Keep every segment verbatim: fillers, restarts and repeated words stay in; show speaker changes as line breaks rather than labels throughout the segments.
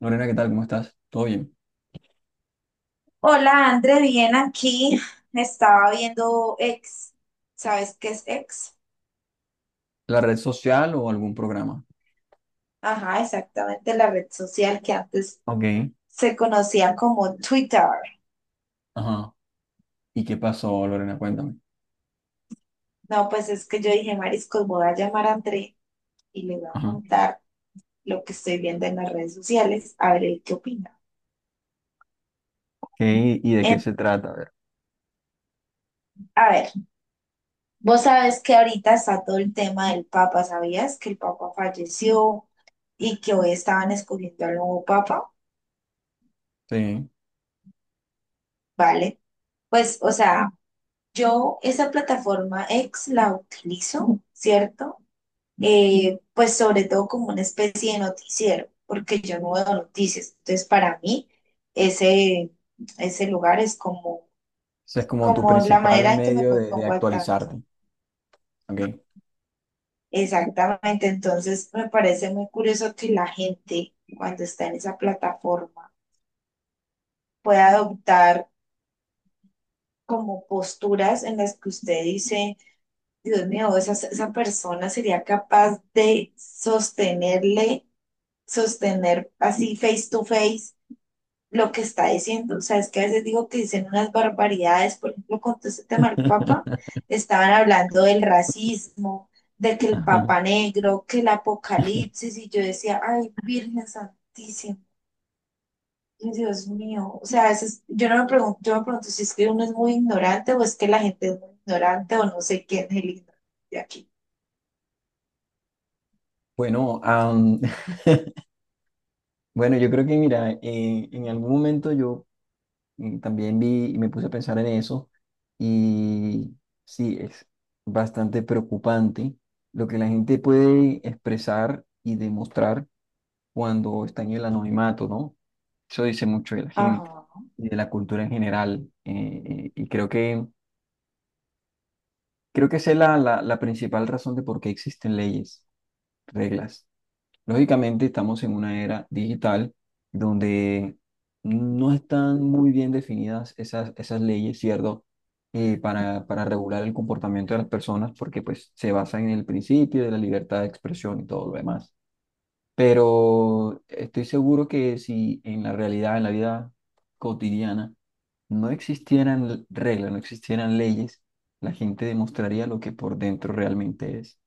Lorena, ¿qué tal? ¿Cómo estás? ¿Todo bien?
Hola, André, bien aquí. Estaba viendo X. ¿Sabes qué es X?
¿La red social o algún programa?
Ajá, exactamente la red social que antes
Ok.
se conocía como Twitter.
Ajá. ¿Y qué pasó, Lorena? Cuéntame.
No, pues es que yo dije, Mariscos, voy a llamar a André y le voy a
Ajá.
contar lo que estoy viendo en las redes sociales, a ver él qué opina.
Ok, ¿y de qué
En-
se trata? A ver.
a ver, vos sabes que ahorita está todo el tema del Papa, ¿sabías? Que el Papa falleció y que hoy estaban escogiendo al nuevo Papa,
Sí.
¿vale? Pues, o sea, yo esa plataforma X la utilizo, ¿cierto? Eh, pues sobre todo como una especie de noticiero, porque yo no veo noticias. Entonces, para mí, ese, ese lugar es como,
Ese es como tu
como la
principal
manera en que me
medio de, de
pongo al tanto.
actualizarte. Ok.
Exactamente. Entonces, me parece muy curioso que la gente, cuando está en esa plataforma, pueda adoptar como posturas en las que usted dice. Dios mío, esa, esa persona sería capaz de sostenerle, sostener así face to face lo que está diciendo. O sea, es que a veces digo que dicen unas barbaridades, por ejemplo, con todo este tema del Papa, estaban hablando del racismo, de que el
Ajá.
Papa negro, que el apocalipsis, y yo decía, ay, Virgen Santísima. Y Dios mío, o sea, a veces yo no me pregunto, yo me pregunto si es que uno es muy ignorante o es que la gente es muy ignorante o no sé quién es el ignorante de aquí.
Bueno, am, bueno, yo creo que mira, eh, en algún momento yo mm, también vi y me puse a pensar en eso y sí, es bastante preocupante lo que la gente puede expresar y demostrar cuando está en el anonimato, ¿no? Eso dice mucho de la gente
Ajá.
y de la cultura en general. Eh, eh, y creo que, creo que esa es la, la, la principal razón de por qué existen leyes, reglas. Lógicamente estamos en una era digital donde no están muy bien definidas esas, esas leyes, ¿cierto? Eh, para, para regular el comportamiento de las personas porque pues se basan en el principio de la libertad de expresión y todo lo demás. Pero estoy seguro que si en la realidad, en la vida cotidiana, no existieran l- reglas, no existieran leyes, la gente demostraría lo que por dentro realmente es.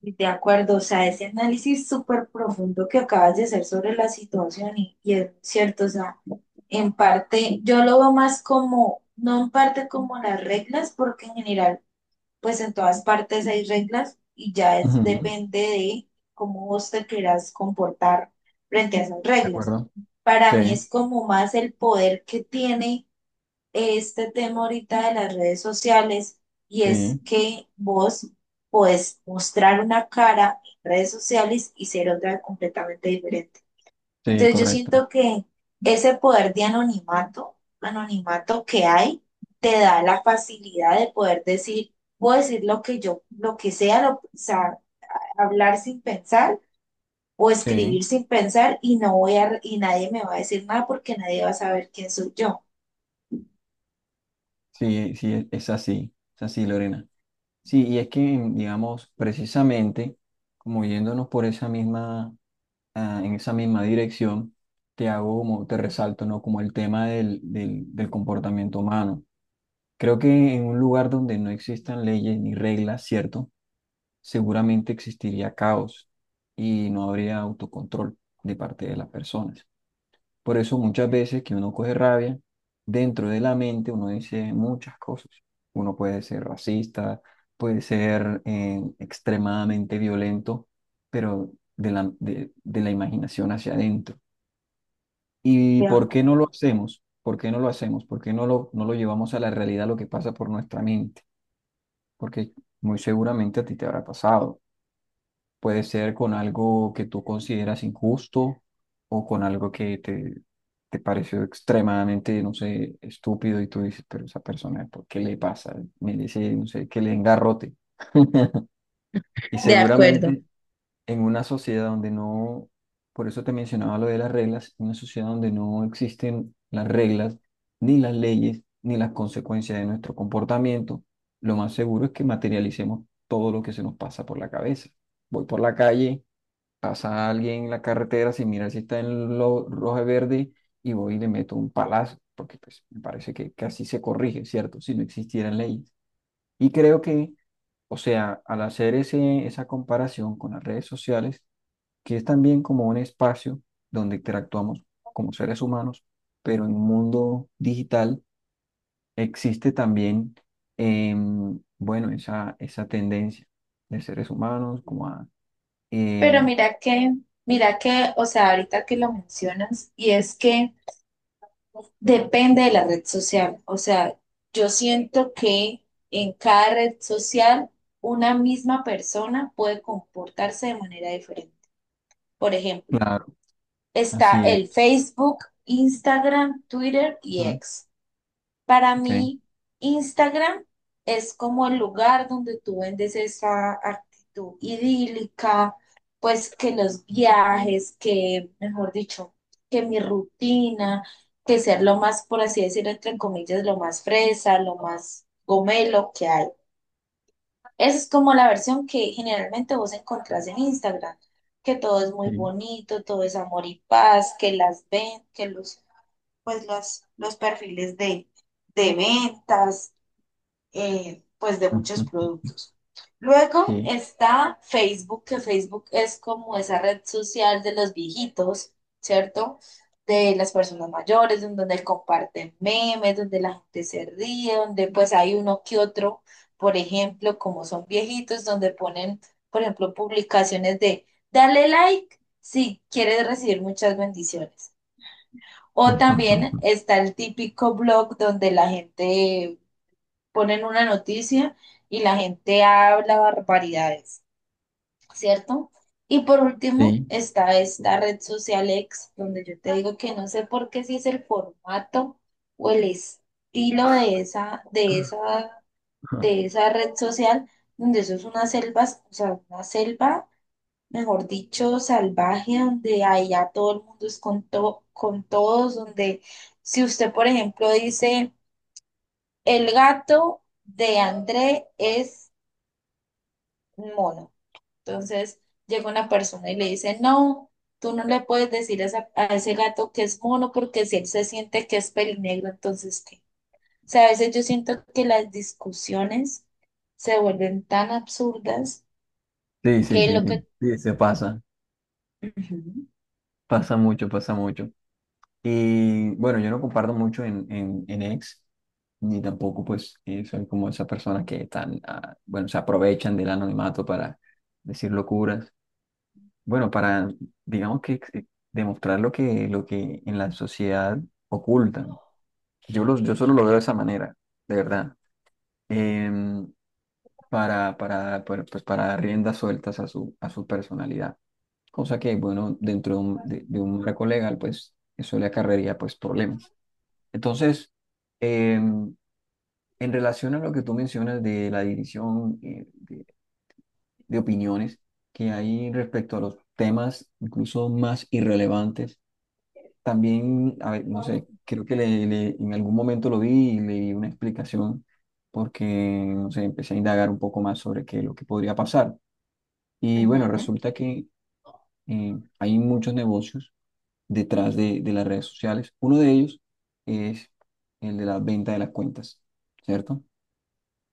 De acuerdo, o sea, ese análisis súper profundo que acabas de hacer sobre la situación y, y es cierto, o sea, en parte yo lo veo más como, no en parte como las reglas, porque en general, pues en todas partes hay reglas y ya es
Ujú.
depende de cómo vos te quieras comportar frente a esas
¿De
reglas.
acuerdo?
Para mí
Sí,
es como más el poder que tiene este tema ahorita de las redes sociales y es
sí,
que vos podés mostrar una cara en redes sociales y ser otra completamente diferente.
sí,
Entonces yo
correcto.
siento que ese poder de anonimato, anonimato que hay, te da la facilidad de poder decir, puedo decir lo que yo, lo que sea, lo- o sea, hablar sin pensar o
Sí,
escribir sin pensar y no voy a, y nadie me va a decir nada porque nadie va a saber quién soy yo.
sí, sí, es es así, es así, Lorena. Sí, y es que, mm, digamos, precisamente, como yéndonos por esa misma, ah, en esa misma dirección, te hago como, te resalto, ¿no? Como el tema del, del, del comportamiento humano. Creo que en un lugar donde no existan leyes ni reglas, ¿cierto? Seguramente existiría caos y no habría autocontrol de parte de las personas. Por eso muchas veces que uno coge rabia, dentro de la mente uno dice muchas cosas. Uno puede ser racista, puede ser eh, extremadamente violento, pero de la, de, de la imaginación hacia adentro. ¿Y
De
por qué no
acuerdo.
lo hacemos? ¿Por qué no lo hacemos? ¿Por qué no lo, no lo llevamos a la realidad, lo que pasa por nuestra mente? Porque muy seguramente a ti te habrá pasado. Puede ser con algo que tú consideras injusto o con algo que te, te pareció extremadamente, no sé, estúpido y tú dices, pero esa persona, ¿por qué le pasa? Merece, no sé, que le engarrote. Y
De acuerdo.
seguramente en una sociedad donde no, por eso te mencionaba lo de las reglas, en una sociedad donde no existen las reglas, ni las leyes, ni las consecuencias de nuestro comportamiento, lo más seguro es que materialicemos todo lo que se nos pasa por la cabeza. Voy por la calle, pasa alguien en la carretera sin mirar si está en lo rojo y verde, y voy y le meto un palazo, porque pues me parece que, que así se corrige, ¿cierto? Si no existieran leyes. Y creo que, o sea, al hacer ese, esa comparación con las redes sociales, que es también como un espacio donde interactuamos como seres humanos, pero en un mundo digital existe también, em, bueno, esa, esa tendencia de seres humanos como a...
Pero
eh,
mira que, mira que, o sea, ahorita que lo mencionas, y es que depende de la red social. O sea, yo siento que en cada red social una misma persona puede comportarse de manera diferente. Por ejemplo,
claro,
está
así es.
el Facebook, Instagram, Twitter y X. Para
Okay.
mí, Instagram es como el lugar donde tú vendes esa actitud idílica, pues que los viajes, que, mejor dicho, que mi rutina, que ser lo más, por así decirlo, entre comillas, lo más fresa, lo más gomelo que hay. Esa es como la versión que generalmente vos encontrás en Instagram, que todo es muy
Sí.
bonito, todo es amor y paz, que las ven, que los, pues las, los perfiles de, de ventas, eh, pues de muchos
Ujú.
productos. Luego
Sí.
está Facebook, que Facebook es como esa red social de los viejitos, ¿cierto? De las personas mayores, donde comparten memes, donde la gente se ríe, donde pues hay uno que otro, por ejemplo, como son viejitos, donde ponen, por ejemplo, publicaciones de dale like si quieres recibir muchas bendiciones. O
Ujú.
también está el típico blog donde la gente ponen una noticia y la gente habla barbaridades, ¿cierto? Y por último
Sí.
está esta red social X, donde yo te digo que no sé por qué si es el formato o el estilo de esa, de esa,
Ujú.
de esa red social, donde eso es una selva, o sea, una selva, mejor dicho, salvaje, donde allá todo el mundo es con, to- con todos, donde si usted, por ejemplo, dice, el gato de André es un mono. Entonces llega una persona y le dice, no, tú no le puedes decir a, esa- a ese gato que es mono porque si él se siente que es pelinegro, entonces ¿qué? O sea, a veces yo siento que las discusiones se vuelven tan absurdas
Sí, sí,
que
sí,
lo
sí.
que...
Sí, se pasa.
Ujú,
Pasa mucho, pasa mucho. Y bueno, yo no comparto mucho en, en, en ex, ni tampoco pues eh, soy como esas personas que están, ah, bueno, se aprovechan del anonimato para decir locuras. Bueno, para, digamos que ex- eh, demostrar lo que, lo que en la sociedad ocultan. Yo, los, yo solo lo veo de esa manera, de verdad. Em, para, para, para, pues, para dar riendas sueltas a su, a su personalidad. Cosa que, bueno, dentro de un, de, de un marco legal, pues eso le acarrearía pues problemas. Entonces, em, en relación a lo que tú mencionas de la división eh, de opiniones que hay respecto a los temas incluso más irrelevantes, también, a ver, no sé, creo que le, le- en algún momento lo vi y leí una explicación porque, no sé, empecé a indagar un poco más sobre qué, es lo que podría pasar. Y bueno,
ujú,
resulta que eh, hay muchos negocios detrás de, de las redes sociales. Uno de ellos es el de la venta de las cuentas, ¿cierto?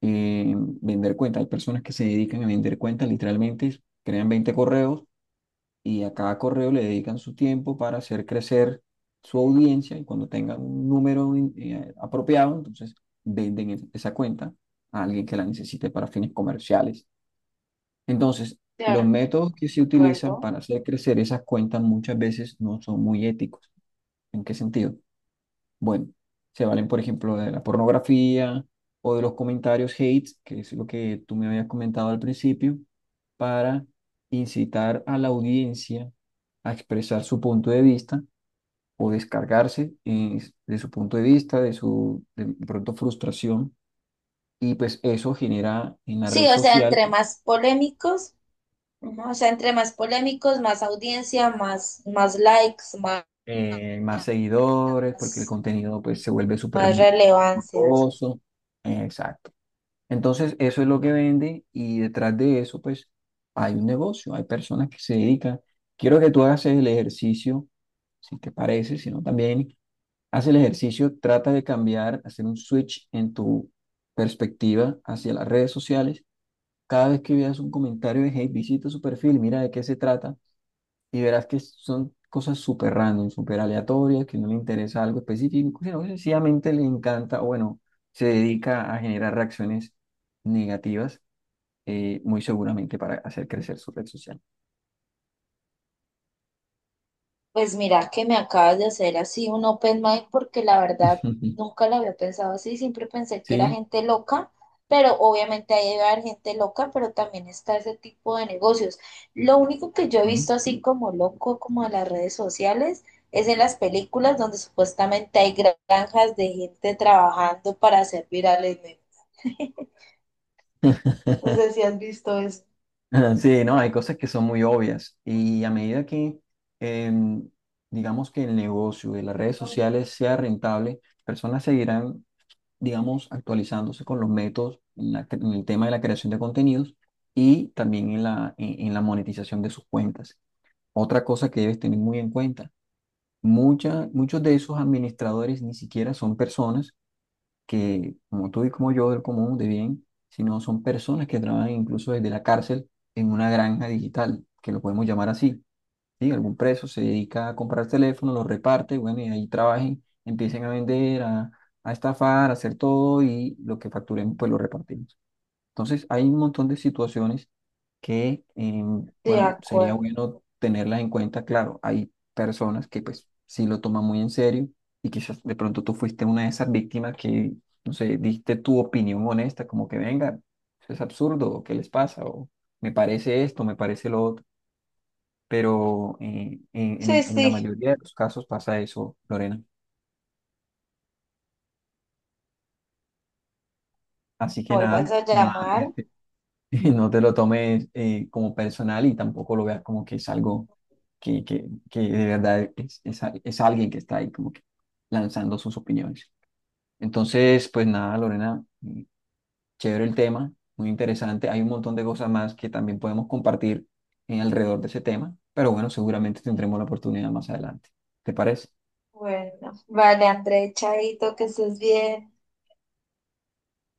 Eh, vender cuentas. Hay personas que se dedican a vender cuentas, literalmente crean veinte correos y a cada correo le dedican su tiempo para hacer crecer su audiencia y cuando tengan un número eh, apropiado, entonces venden es- esa cuenta a alguien que la necesite para fines comerciales. Entonces, los
de
métodos que se utilizan
acuerdo.
para hacer crecer esas cuentas muchas veces no son muy éticos. ¿En qué sentido? Bueno, se valen, por ejemplo, de la pornografía o de los comentarios hate, que es lo que tú me habías comentado al principio, para incitar a la audiencia a expresar su punto de vista o descargarse eh, de su punto de vista, de su de pronto frustración. Y pues eso genera en la
Sí,
red
o sea,
social
entre más polémicos, ujú, o sea, entre más polémicos, más audiencia, más, más likes, más,
eh, más seguidores, porque el contenido pues se vuelve súper
más relevancias.
famoso. Exacto. Entonces, eso es lo que vende y detrás de eso pues hay un negocio, hay personas que se dedican. Quiero que tú hagas el ejercicio, si te parece, si no también haz el ejercicio, trata de cambiar, hacer un switch en tu perspectiva hacia las redes sociales. Cada vez que veas un comentario de hate, visita su perfil, mira de qué se trata y verás que son cosas súper random, súper aleatorias, que no le interesa algo específico, sino que sencillamente le encanta, o bueno, se dedica a generar reacciones negativas, eh, muy seguramente para hacer crecer su red social.
Pues mira que me acabas de hacer así un open mic porque la verdad nunca lo había pensado así, siempre pensé que era
Sí.
gente loca, pero obviamente ahí debe haber gente loca, pero también está ese tipo de negocios. Lo único que yo he
Ujú.
visto así como loco, como en las redes sociales, es en las películas donde supuestamente hay granjas de gente trabajando para hacer viral el meme. No sé si has visto esto.
Sí, no, hay cosas que son muy obvias y a medida que, em, digamos que el negocio de las redes sociales sea rentable, personas seguirán, digamos, actualizándose con los métodos en, la en el tema de la creación de contenidos y también en la, en, en la monetización de sus cuentas. Otra cosa que debes tener muy en cuenta, mucha, muchos de esos administradores ni siquiera son personas que, como tú y como yo, del común, de bien, sino son personas que trabajan incluso desde la cárcel en una granja digital, que lo podemos llamar así. ¿Sí? Algún preso se dedica a comprar teléfonos, los reparte, bueno, y ahí trabajen, empiecen a vender, a, a estafar, a hacer todo y lo que facturen, pues lo repartimos. Entonces, hay un montón de situaciones que, eh,
De
bueno, sería
acuerdo.
bueno tenerlas en cuenta. Claro, hay personas que pues sí lo toman muy en serio y quizás de pronto tú fuiste una de esas víctimas que, no sé, diste tu opinión honesta, como que venga, eso es absurdo, o ¿qué les pasa? O me parece esto, me parece lo otro, pero eh, en,
Sí,
en- en la
sí.
mayoría de los casos pasa eso, Lorena. Así que
Me
nada,
vuelvas a
nada,
llamar.
eh, no te lo tomes eh, como personal y tampoco lo veas como que es algo que, que, que de verdad es, es, al- es alguien que está ahí como que lanzando sus opiniones. Entonces, pues nada, Lorena, mm, chévere el tema, muy interesante. Hay un montón de cosas más que también podemos compartir eh, alrededor de ese tema, pero bueno, seguramente tendremos la oportunidad más adelante. ¿Te parece?
Bueno, vale, André, chaito, que estés bien.